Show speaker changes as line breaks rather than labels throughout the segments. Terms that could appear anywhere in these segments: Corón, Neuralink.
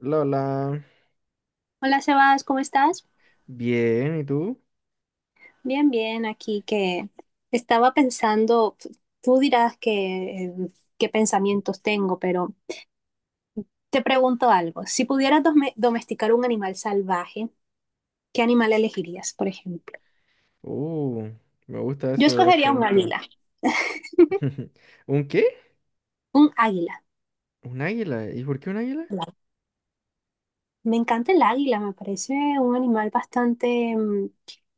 Lola,
Hola Sebas, ¿cómo estás?
bien, ¿y tú?
Bien, bien, aquí que estaba pensando, tú dirás que, qué pensamientos tengo, pero te pregunto algo. Si pudieras domesticar un animal salvaje, ¿qué animal elegirías, por ejemplo?
Uh, Me gusta
Yo
eso de las
escogería un
preguntas.
águila,
¿Un qué?
un águila.
¿Un águila? ¿Y por qué un águila?
Me encanta el águila, me parece un animal bastante mm,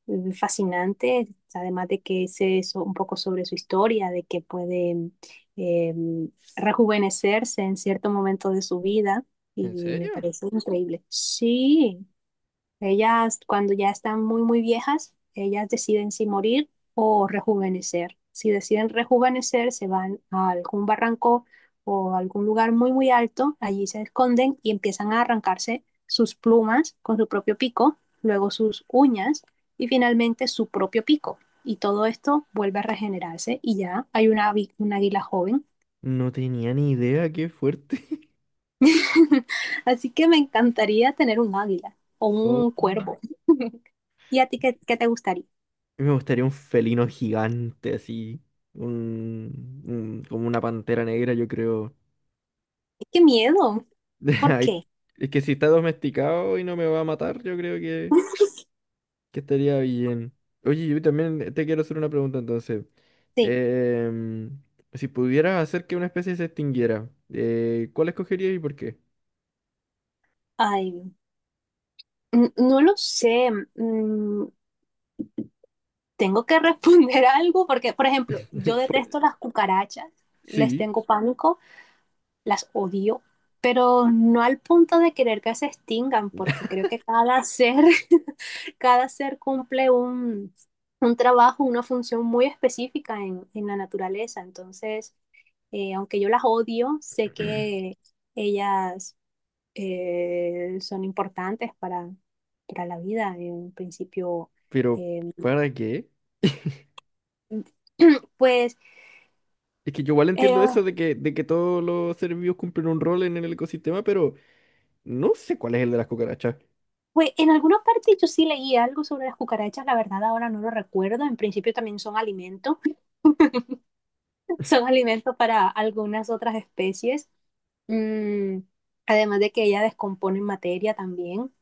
mm, fascinante, además de que un poco sobre su historia, de que puede eh, mm, rejuvenecerse en cierto momento de su vida
¿En
y me
serio?
parece increíble. Sí, ellas, cuando ya están muy, muy viejas, ellas deciden si morir o rejuvenecer. Si deciden rejuvenecer, se van a algún barranco o a algún lugar muy, muy alto. Allí se esconden y empiezan a arrancarse sus plumas con su propio pico, luego sus uñas y finalmente su propio pico. Y todo esto vuelve a regenerarse y ya hay un águila joven.
No tenía ni idea, qué fuerte.
Así que me encantaría tener un águila o
Oh.
un cuervo. ¿Y a ti qué te gustaría?
Me gustaría un felino gigante así, como una pantera negra, yo creo.
Qué miedo. ¿Por
Ay,
qué?
es que si está domesticado y no me va a matar, yo creo que estaría bien. Oye, yo también te quiero hacer una pregunta entonces.
Sí.
Em, si pudieras hacer que una especie se extinguiera, ¿cuál escogerías y por qué?
Ay, no lo sé. Mm, Tengo que responder algo porque, por ejemplo, yo detesto las cucarachas, les
Sí,
tengo pánico, las odio, pero no al punto de querer que se extingan, porque creo que cada ser, cada ser cumple un trabajo, una función muy específica en la naturaleza. Entonces, aunque yo las odio, sé que ellas son importantes para la vida. En principio,
pero
eh,
¿para qué?
pues,
Es que yo igual
eh,
entiendo eso de que todos los seres vivos cumplen un rol en el ecosistema, pero no sé cuál es el de las cucarachas.
pues en alguna parte yo sí leí algo sobre las cucarachas, la verdad ahora no lo recuerdo. En principio también son alimento, son alimento para algunas otras especies. Mm, Además de que ella descompone materia también.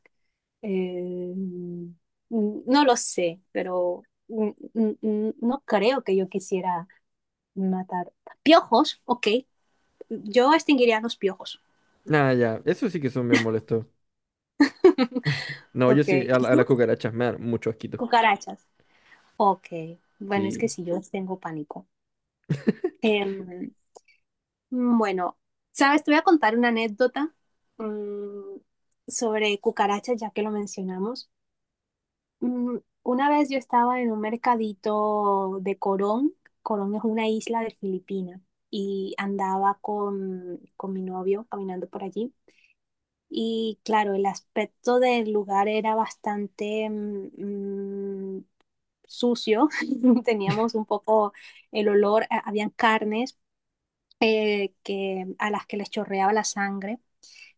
Eh, mm, no lo sé, pero no creo que yo quisiera matar piojos, ok. Yo extinguiría los piojos.
Ah, ya, eso sí que son bien molestos. No, yo
Ok,
sí, a las cucarachas me dan mucho asquito.
cucarachas. Ok, bueno, es que
Sí.
si yo les tengo pánico. Em, bueno, ¿sabes? Te voy a contar una anécdota mm, sobre cucarachas, ya que lo mencionamos. Una vez yo estaba en un mercadito de Corón. Corón es una isla de Filipinas y andaba con mi novio caminando por allí. Y claro, el aspecto del lugar era bastante sucio, teníamos un poco el olor, habían carnes a las que les chorreaba la sangre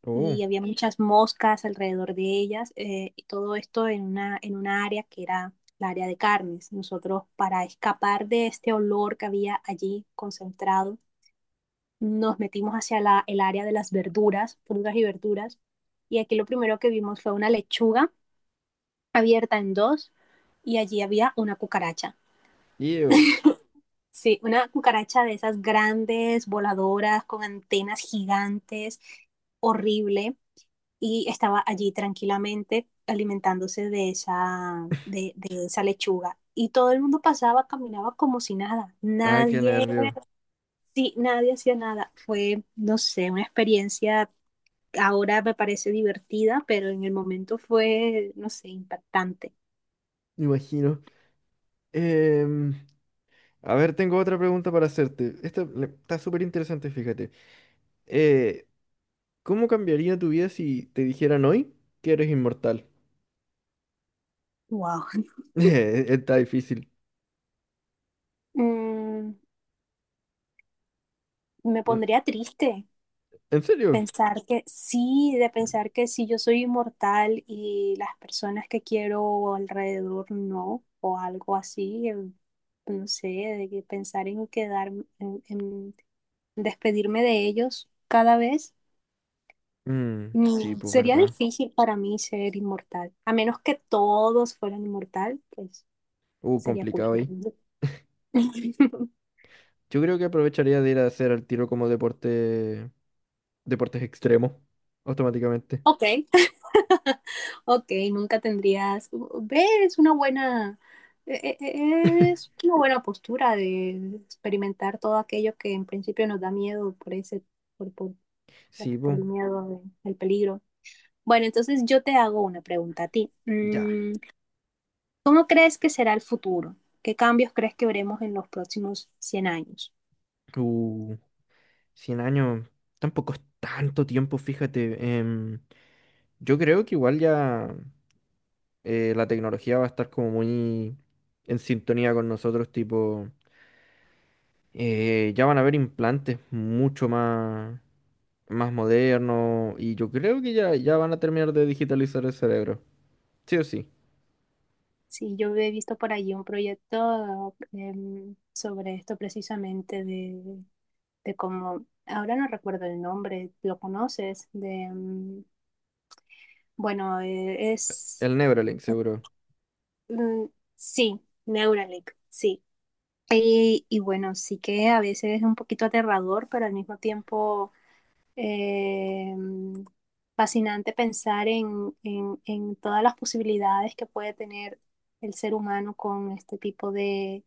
Oh,
y había muchas moscas alrededor de ellas y todo esto en en una área que era la área de carnes. Nosotros para escapar de este olor que había allí concentrado, nos metimos hacia el área de las verduras, frutas y verduras y aquí lo primero que vimos fue una lechuga abierta en dos y allí había una cucaracha.
ew.
Sí, una cucaracha de esas grandes, voladoras, con antenas gigantes, horrible, y estaba allí tranquilamente alimentándose de esa, de esa lechuga. Y todo el mundo pasaba, caminaba como si nada.
Ay, qué
Nadie,
nervio.
sí, nadie hacía nada. Fue, no sé, una experiencia ahora me parece divertida, pero en el momento fue, no sé, impactante.
Me imagino. Em, a ver, tengo otra pregunta para hacerte. Esta está súper interesante, fíjate. Eh, ¿Cómo cambiaría tu vida si te dijeran hoy que eres inmortal?
Wow.
Está difícil.
Mm, Me
¿En
pondría triste.
en serio?
Pensar que sí, de pensar que sí, yo soy inmortal y las personas que quiero alrededor no, o algo así, no sé, de que pensar en quedarme, en despedirme de ellos cada vez,
Mm, sí, pues
sería
verdad.
difícil para mí ser inmortal, a menos que todos fueran inmortal, pues sería cool.
Complicado
Pero
ahí.
no.
Yo creo que aprovecharía de ir a hacer al tiro como deporte, deportes extremos, automáticamente.
Ok, ok, nunca tendrías. ¿Ves? Una buena. Es una buena postura de experimentar todo aquello que en principio nos da miedo por ese, por, por,
Sí,
por
pues,
el miedo del peligro. Bueno, entonces yo te hago una pregunta a ti.
ya.
¿Cómo crees que será el futuro? ¿Qué cambios crees que veremos en los próximos 100 años?
Uh, 100 años, tampoco es tanto tiempo, fíjate. Yo creo que igual ya. La tecnología va a estar como muy en sintonía con nosotros, tipo, ya van a haber implantes mucho más modernos y yo creo que ya van a terminar de digitalizar el cerebro, sí o sí,
Sí, yo he visto por allí un proyecto sobre esto precisamente de como, ahora no recuerdo el nombre, ¿lo conoces? De, bueno, es,
el Neuralink seguro,
mm, sí, Neuralink, sí. Y bueno, sí que a veces es un poquito aterrador, pero al mismo tiempo eh, fascinante pensar en, en todas las posibilidades que puede tener el ser humano con este tipo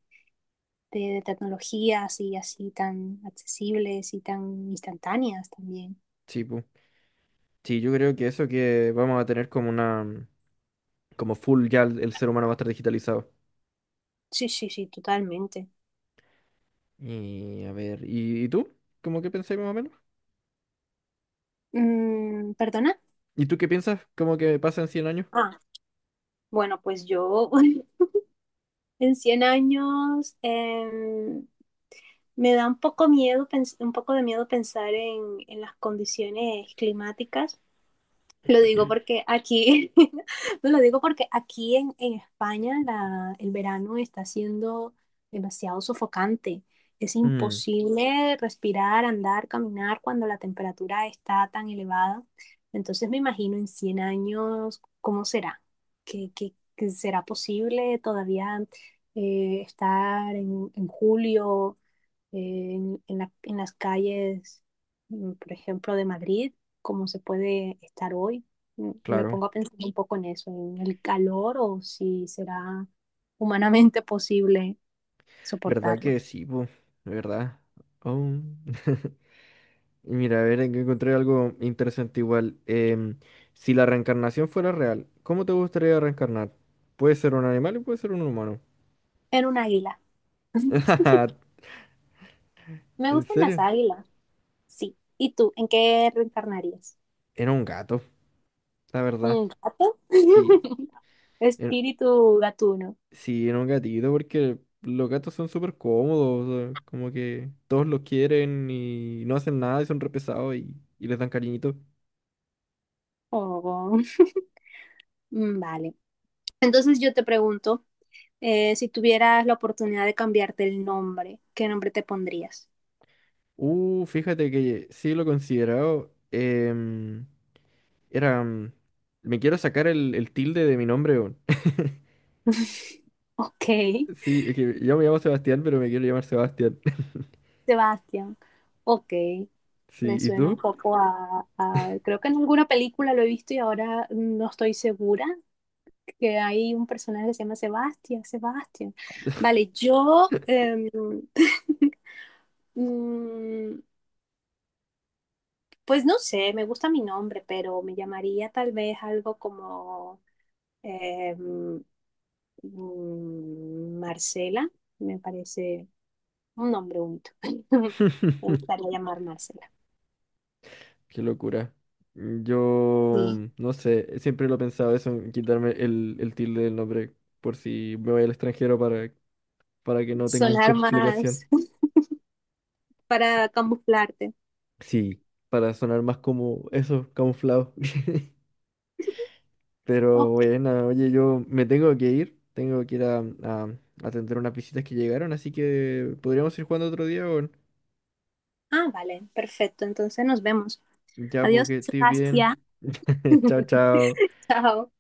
de tecnologías y así tan accesibles y tan instantáneas también.
sí, pu. Sí, yo creo que eso que vamos a tener como como full ya el ser humano va a estar digitalizado.
Sí, sí, sí, totalmente.
Y a ver, ¿y tú? ¿Cómo que pensáis más o menos?
Mm, ¿perdona?
¿Y tú qué piensas? ¿Cómo que pasa en 100 años?
Ah, bueno, pues yo en 100 años me da un poco miedo, un poco de miedo pensar en las condiciones climáticas. Lo digo porque aquí, no, lo digo porque aquí en España el verano está siendo demasiado sofocante. Es
Mm,
imposible respirar, andar, caminar cuando la temperatura está tan elevada. Entonces me imagino en 100 años cómo será, que, que será posible todavía estar en julio en, en las calles, por ejemplo, de Madrid, cómo se puede estar hoy. Me
claro.
pongo a pensar un poco en eso, en el calor o si será humanamente posible
¿Verdad
soportarlo.
que sí, po? ¿Verdad? Oh. Y mira, a ver, encontré algo interesante igual. Si la reencarnación fuera real, ¿cómo te gustaría reencarnar? Puede ser un animal y puede ser un humano.
En un águila. Me
¿En
gustan las
serio?
águilas, sí. ¿Y tú, en qué reencarnarías?
En un gato, la verdad.
¿Un gato?
Sí, en,
Espíritu gatuno.
sí, en un gatito, porque los gatos son súper cómodos, o sea, como que todos los quieren y no hacen nada y son re pesados y les dan cariñito.
Oh, vale. Entonces yo te pregunto. Si tuvieras la oportunidad de cambiarte el nombre, ¿qué nombre te pondrías?
Fíjate que sí lo he considerado. Era. mm, Me quiero sacar el, tilde de mi nombre. Weón.
Ok,
Sí, es que yo me llamo Sebastián, pero me quiero llamar Sebastián.
Sebastián. Ok,
Sí,
me
¿y
suena un
tú?
poco creo que en alguna película lo he visto y ahora no estoy segura que hay un personaje que se llama Sebastián, Sebastián. Vale, yo... mm, pues no sé, me gusta mi nombre, pero me llamaría tal vez algo como... Eh, mm, Marcela, me parece un nombre bonito. Me gustaría llamar Marcela.
Qué locura. Yo
Sí,
no sé, siempre lo he pensado eso, en quitarme el, tilde del nombre por si me voy al extranjero para que no tengan
sonar más
complicación. Sí,
para camuflarte.
sí, para sonar más como eso, camuflado. Pero
Ok.
bueno, oye, yo me tengo que ir a atender unas visitas que llegaron, así que podríamos ir jugando otro día, o
Ah, vale, perfecto. Entonces nos vemos.
ya,
Adiós,
porque estoy bien.
Sebastián.
Chao, chao.
Chao.